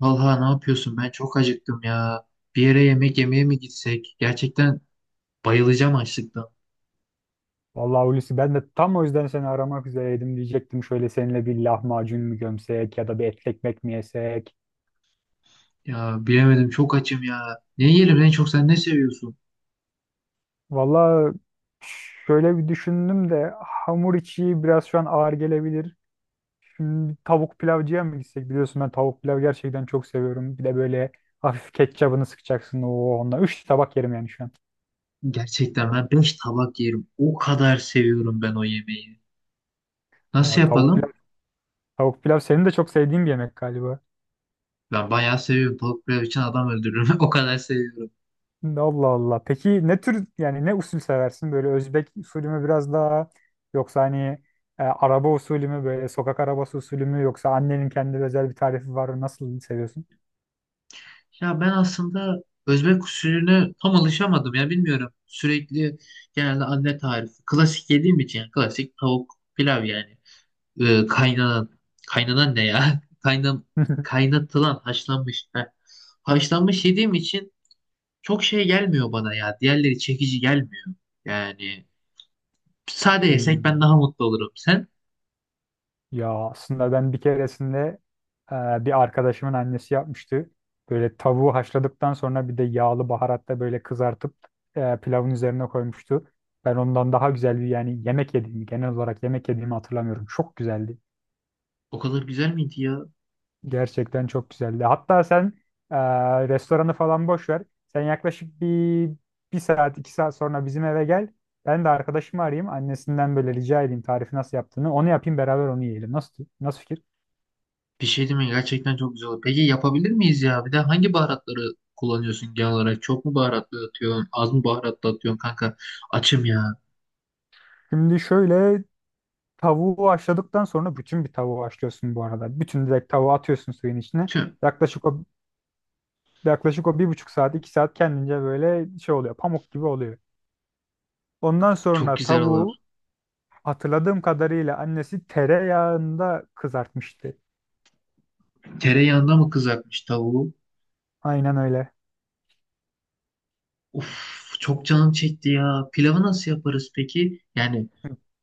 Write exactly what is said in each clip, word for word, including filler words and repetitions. Vallahi ne yapıyorsun? Ben çok acıktım ya. Bir yere yemek yemeye mi gitsek? Gerçekten bayılacağım açlıktan. Vallahi Hulusi ben de tam o yüzden seni aramak üzereydim diyecektim. Şöyle seninle bir lahmacun mu gömsek ya da bir etli ekmek mi yesek? Ya bilemedim çok açım ya. Ne yiyelim? En çok sen ne seviyorsun? Vallahi şöyle bir düşündüm de hamur içi biraz şu an ağır gelebilir. Şimdi tavuk pilavcıya mı gitsek? Biliyorsun ben tavuk pilav gerçekten çok seviyorum. Bir de böyle hafif ketçabını sıkacaksın. Oo, onunla üç tabak yerim yani şu an. Gerçekten ben beş tabak yerim. O kadar seviyorum ben o yemeği. Aa, Nasıl tavuk yapalım? pilav, tavuk pilav senin de çok sevdiğin bir yemek galiba. Ben bayağı seviyorum. Tavuk pilav için adam öldürürüm. O kadar seviyorum. Allah Allah. Peki ne tür yani ne usul seversin? Böyle Özbek usulü mü biraz daha yoksa hani e, araba usulü mü böyle sokak arabası usulü mü yoksa annenin kendi özel bir tarifi var mı? Nasıl seviyorsun? Ya ben aslında Özbek usulüne tam alışamadım ya bilmiyorum. Sürekli genelde anne tarifi. Klasik yediğim için yani klasik tavuk pilav yani. e, kaynanan kaynanan ne ya? Kaynam kaynatılan haşlanmış. Heh. Haşlanmış yediğim için çok şey gelmiyor bana ya. Diğerleri çekici gelmiyor. Yani sade yesek ben Hmm. daha mutlu olurum. Sen Ya aslında ben bir keresinde e, bir arkadaşımın annesi yapmıştı. Böyle tavuğu haşladıktan sonra bir de yağlı baharatta böyle kızartıp e, pilavın üzerine koymuştu. Ben ondan daha güzel bir yani yemek yediğimi genel olarak yemek yediğimi hatırlamıyorum. Çok güzeldi. o kadar güzel miydi ya? Gerçekten çok güzeldi. Hatta sen e, restoranı falan boş ver. Sen yaklaşık bir bir saat, iki saat sonra bizim eve gel. Ben de arkadaşımı arayayım. Annesinden böyle rica edeyim tarifi nasıl yaptığını. Onu yapayım beraber onu yiyelim. Nasıl, nasıl fikir? Bir şey değil mi? Gerçekten çok güzel olur. Peki yapabilir miyiz ya? Bir de hangi baharatları kullanıyorsun genel olarak? Çok mu baharatlı atıyorsun? Az mı baharatlı atıyorsun kanka? Açım ya. Şimdi şöyle tavuğu haşladıktan sonra bütün bir tavuğu haşlıyorsun bu arada. Bütün direkt tavuğu atıyorsun suyun içine. Tüm. Yaklaşık o yaklaşık o bir buçuk saat, iki saat kendince böyle şey oluyor. Pamuk gibi oluyor. Ondan Çok sonra güzel olur. tavuğu. Hatırladığım kadarıyla annesi tereyağında kızartmıştı. Tereyağında mı kızartmış tavuğu? Aynen öyle. Uf, çok canım çekti ya. Pilavı nasıl yaparız peki? Yani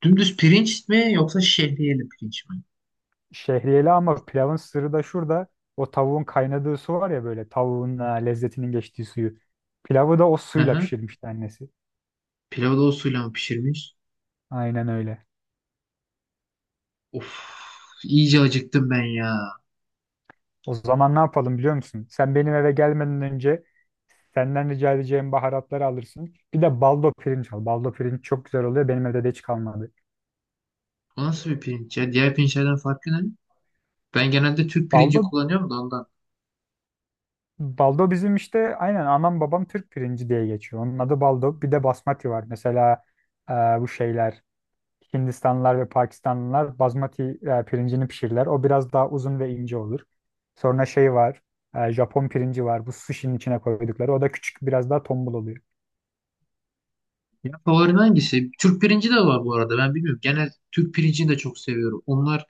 dümdüz pirinç mi yoksa şehriyeli pirinç mi? Şehriyeli ama pilavın sırrı da şurada. O tavuğun kaynadığı su var ya böyle tavuğun ha, lezzetinin geçtiği suyu. Pilavı da o Hı suyla hı. pişirmişti annesi. Pilavı da o suyla mı pişirmiş? Aynen öyle. Of, iyice acıktım ben ya. O zaman ne yapalım biliyor musun? Sen benim eve gelmeden önce senden rica edeceğim baharatları alırsın. Bir de baldo pirinç al. Baldo pirinç çok güzel oluyor. Benim evde de hiç kalmadı. Bu nasıl bir pirinç ya? Diğer pirinçlerden farkı ne? Ben genelde Türk pirinci Baldo kullanıyorum da ondan. Baldo bizim işte aynen anam babam Türk pirinci diye geçiyor. Onun adı baldo. Bir de basmati var. Mesela e, bu şeyler Hindistanlılar ve Pakistanlılar basmati e, pirincini pişirirler. O biraz daha uzun ve ince olur. Sonra şey var. e, Japon pirinci var. Bu sushi'nin içine koydukları. O da küçük biraz daha tombul oluyor. Ya favorim hangisi? Türk pirinci de var bu arada. Ben bilmiyorum. Genel Türk pirincini de çok seviyorum. Onlar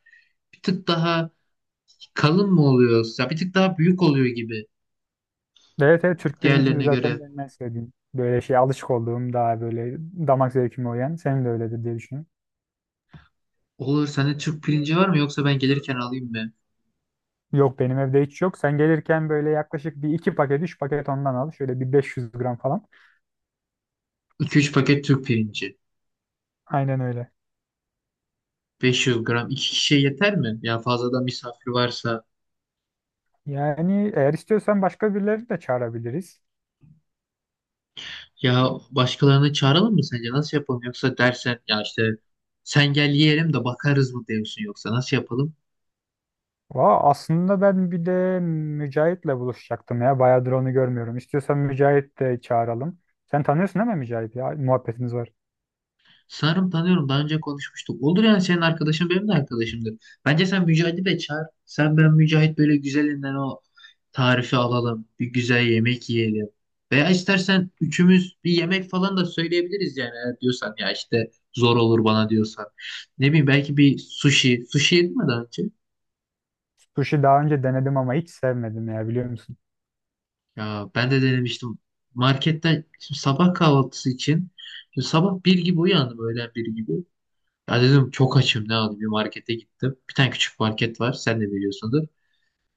bir tık daha kalın mı oluyor? Ya bir tık daha büyük oluyor gibi Evet evet Türk pirincini de diğerlerine zaten göre. benim en sevdiğim. Böyle şey alışık olduğum daha böyle damak zevkime uyan. Senin de öyledir diye düşünüyorum. Olur, sende Türk pirinci var mı yoksa ben gelirken alayım mı? Yok benim evde hiç yok. Sen gelirken böyle yaklaşık bir iki paket, üç paket ondan al. Şöyle bir 500 gram falan. iki üç paket Türk pirinci. Aynen öyle. beş yüz gram. İki kişiye yeter mi? Ya fazladan misafir varsa. Yani eğer istiyorsan başka birileri de çağırabiliriz. Ya başkalarını çağıralım mı sence? Nasıl yapalım? Yoksa dersen ya işte sen gel yiyelim de bakarız mı diyorsun yoksa nasıl yapalım? Vaa aslında ben bir de Mücahit'le buluşacaktım ya. Bayağıdır onu görmüyorum. İstiyorsan Mücahit de çağıralım. Sen tanıyorsun değil mi Mücahit ya? Muhabbetiniz var. Sanırım tanıyorum. Daha önce konuşmuştuk. Olur yani senin arkadaşın benim de arkadaşımdır. Bence sen Mücahit'i de çağır. Sen, ben, Mücahit böyle güzelinden o tarifi alalım, bir güzel yemek yiyelim. Veya istersen üçümüz bir yemek falan da söyleyebiliriz yani eğer diyorsan ya işte zor olur bana diyorsan. Ne bileyim belki bir sushi. Sushi yedin mi daha önce? Sushi daha önce denedim ama hiç sevmedim ya biliyor musun? Ya ben de denemiştim. Marketten şimdi sabah kahvaltısı için şimdi sabah bir gibi uyandım öğlen bir gibi. Ya dedim çok açım ne alayım bir markete gittim. Bir tane küçük market var sen de biliyorsundur.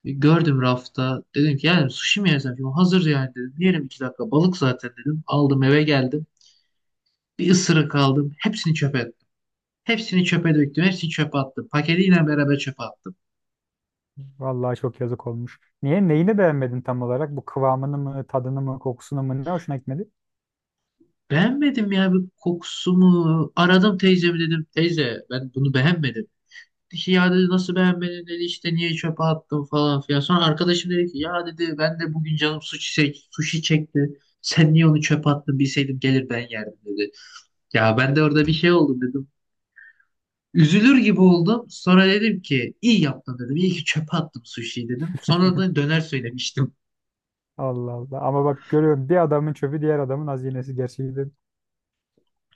E, Gördüm rafta. Dedim ki yani sushi mi yesem? Şimdi hazır yani dedim. Yerim iki dakika. Balık zaten dedim. Aldım eve geldim. Bir ısırık aldım. Hepsini çöpe ettim. Hepsini çöpe döktüm. Hepsini çöpe attım. Paketiyle beraber çöpe attım. Vallahi çok yazık olmuş. Niye? Neyini beğenmedin tam olarak? Bu kıvamını mı, tadını mı, kokusunu mu? Ne hoşuna gitmedi? Beğenmedim ya, bir kokusu mu? Aradım teyzemi dedim. Teyze ben bunu beğenmedim. Dedi ki ya dedi nasıl beğenmedin dedi işte niye çöpe attın falan filan. Sonra arkadaşım dedi ki ya dedi ben de bugün canım sushi, sushi çekti. Sen niye onu çöpe attın bilseydim gelir ben yerdim dedi. Ya ben de orada bir şey oldum dedim. Üzülür gibi oldum. Sonra dedim ki iyi yaptın dedim. İyi ki çöpe attım sushi'yi dedim. Sonra da döner söylemiştim. Allah Allah. Ama bak görüyorum bir adamın çöpü diğer adamın hazinesi gerçekten.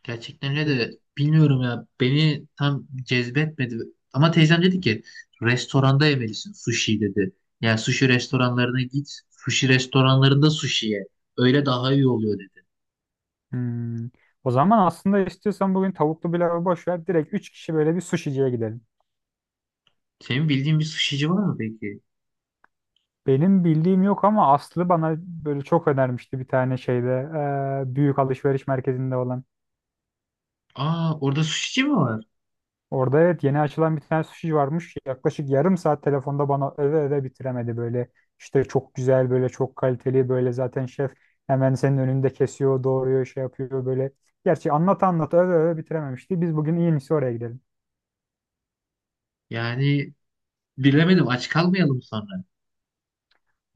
Gerçekten öyle de bilmiyorum ya beni tam cezbetmedi. Ama teyzem dedi ki restoranda yemelisin sushi dedi. Yani sushi restoranlarına git. Sushi restoranlarında sushi ye. Öyle daha iyi oluyor dedi. Hmm. O zaman aslında istiyorsan bugün tavuklu pilavı boş ver. Direkt üç kişi böyle bir suşiciye gidelim. Senin bildiğin bir sushici var mı peki? Benim bildiğim yok ama Aslı bana böyle çok önermişti bir tane şeyde. eee, büyük alışveriş merkezinde olan. Aa, orada sushici mi var? Orada evet yeni açılan bir tane sushi varmış. Yaklaşık yarım saat telefonda bana öve öve bitiremedi böyle. İşte çok güzel böyle çok kaliteli böyle zaten şef hemen senin önünde kesiyor, doğruyor, şey yapıyor böyle. Gerçi anlat anlat öve öve bitirememişti. Biz bugün en iyisi oraya gidelim. Yani bilemedim, aç kalmayalım sonra.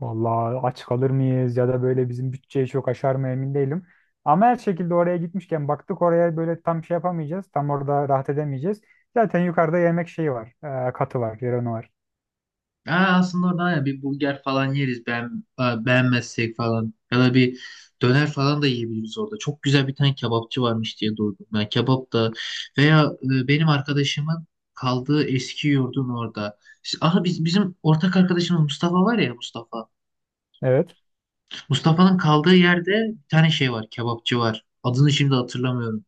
Vallahi aç kalır mıyız ya da böyle bizim bütçeyi çok aşar mı emin değilim. Ama her şekilde oraya gitmişken baktık oraya böyle tam şey yapamayacağız. Tam orada rahat edemeyeceğiz. Zaten yukarıda yemek şeyi var. e, katı var, yeri var. Aa, aslında oradan ya bir burger falan yeriz ben e, beğenmezsek falan ya da bir döner falan da yiyebiliriz orada. Çok güzel bir tane kebapçı varmış diye duydum. Yani kebap da veya e, benim arkadaşımın kaldığı eski yurdun orada. Aha biz bizim ortak arkadaşımız Mustafa var ya, Mustafa. Evet. Mustafa'nın kaldığı yerde bir tane şey var, kebapçı var. Adını şimdi hatırlamıyorum.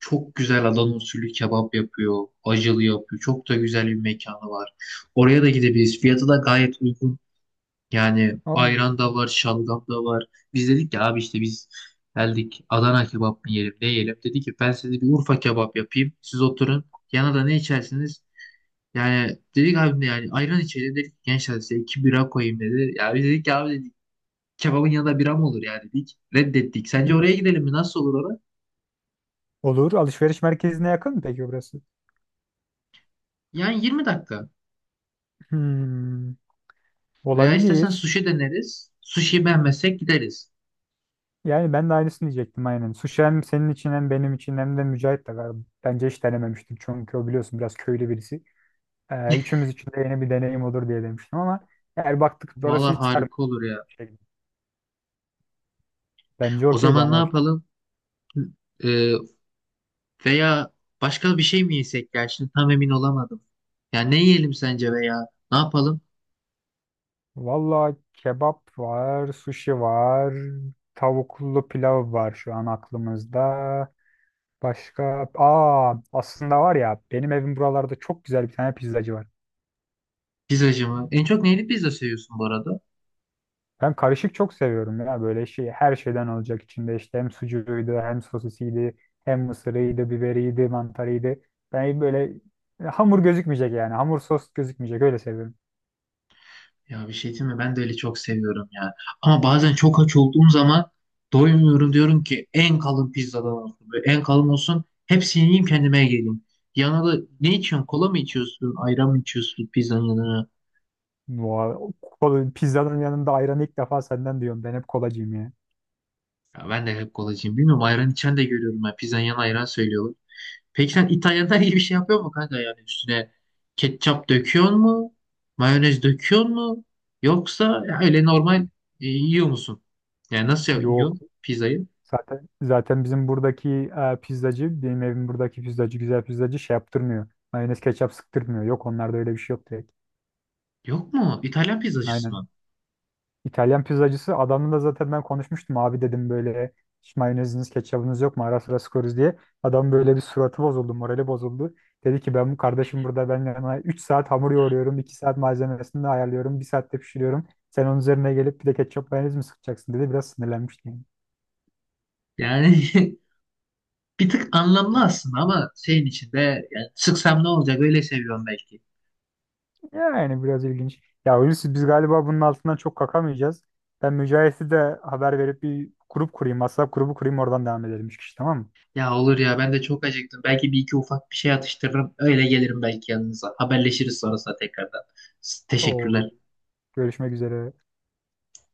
Çok güzel Adana usulü kebap yapıyor, acılı yapıyor. Çok da güzel bir mekanı var. Oraya da gidebiliriz. Fiyatı da gayet uygun yani, Allah ayran da Allah. var, şalgam da var. Biz dedik ki abi işte biz geldik Adana kebap mı yiyelim, ne yiyelim? Dedi ki ben size bir Urfa kebap yapayım. Siz oturun. Yana da ne içersiniz? Yani dedik abi ne yani ayran içelim dedik. Gençler size iki bira koyayım dedi. Ya biz dedik ki abi dedik kebabın yanında bira mı olur ya dedik. Reddettik. Sence oraya gidelim mi? Nasıl olur orada? Olur. Alışveriş merkezine yakın mı peki burası? Yani yirmi dakika. Hmm, Veya istersen olabilir. sushi deneriz. Sushi beğenmezsek gideriz. Yani ben de aynısını diyecektim aynen. Sushi hem senin için hem benim için hem de Mücahit de galiba. Bence hiç denememiştim çünkü o biliyorsun biraz köylü birisi. Ee, üçümüz için de yeni bir deneyim olur diye demiştim ama eğer baktık orası Valla hiç sarmıyor. harika olur ya. Şey, bence O okey zaman ne bana. yapalım? Ee, Veya başka bir şey mi yesek ya? Şimdi tam emin olamadım. Ya ne yiyelim sence veya ne yapalım? Valla kebap var, sushi var, tavuklu pilav var şu an aklımızda. Başka? Aa, aslında var ya benim evim buralarda çok güzel bir tane pizzacı var. Pizzacı mı? En çok neyli pizza seviyorsun bu arada? Ben karışık çok seviyorum ya böyle şey her şeyden olacak içinde işte hem sucuğuydu hem sosisiydi hem mısırıydı biberiydi mantarıydı. Ben böyle hamur gözükmeyecek yani hamur sos gözükmeyecek öyle seviyorum. Ya bir şey değil mi? Ben de öyle çok seviyorum ya. Ama bazen çok aç olduğum zaman doymuyorum, diyorum ki en kalın pizzadan olsun. Böyle en kalın olsun. Hepsini yiyeyim kendime geleyim. Yanına da ne içiyorsun? Kola mı içiyorsun? Ayran mı içiyorsun pizzanın yanına? Vay, o kola- pizzanın yanında ayranı ilk defa senden diyorum ben hep kolacıyım ya. Ya ben de hep kolacıyım. Bilmiyorum, ayran içen de görüyorum. Ben pizzanın yanına ayran söylüyorlar. Peki sen İtalyanlar iyi bir şey yapıyor mu kanka, yani üstüne ketçap döküyor mu? Mayonez döküyor mu? Yoksa öyle normal e, yiyor musun? Yani nasıl Yok yiyorsun pizzayı? zaten zaten bizim buradaki e, pizzacı benim evim buradaki pizzacı güzel pizzacı şey yaptırmıyor. Mayonez ketçap sıktırmıyor yok onlarda öyle bir şey yok direkt. Yok mu? İtalyan pizzacısı Aynen mı? İtalyan pizzacısı adamla da zaten ben konuşmuştum abi dedim böyle hiç mayoneziniz ketçabınız yok mu ara sıra sıkıyoruz diye. Adam böyle bir suratı bozuldu morali bozuldu. Dedi ki ben bu kardeşim burada ben yana üç saat hamur yoğuruyorum iki saat malzemesini de ayarlıyorum bir saatte pişiriyorum. Sen onun üzerine gelip bir de ketçap mayonez mi sıkacaksın dedi biraz sinirlenmiştim. Yani bir tık anlamlı aslında, ama şeyin içinde yani sıksam ne olacak, öyle seviyorum belki. Yani Yani biraz ilginç. Ya Hulusi biz galiba bunun altından çok kalkamayacağız. Ben Mücahit'e de haber verip bir grup kurayım. WhatsApp grubu kurayım oradan devam edelim 3 kişi tamam mı? Ya olur ya, ben de çok acıktım. Belki bir iki ufak bir şey atıştırırım. Öyle gelirim belki yanınıza. Haberleşiriz sonrasında tekrardan. S- Oldu. Teşekkürler. Görüşmek üzere.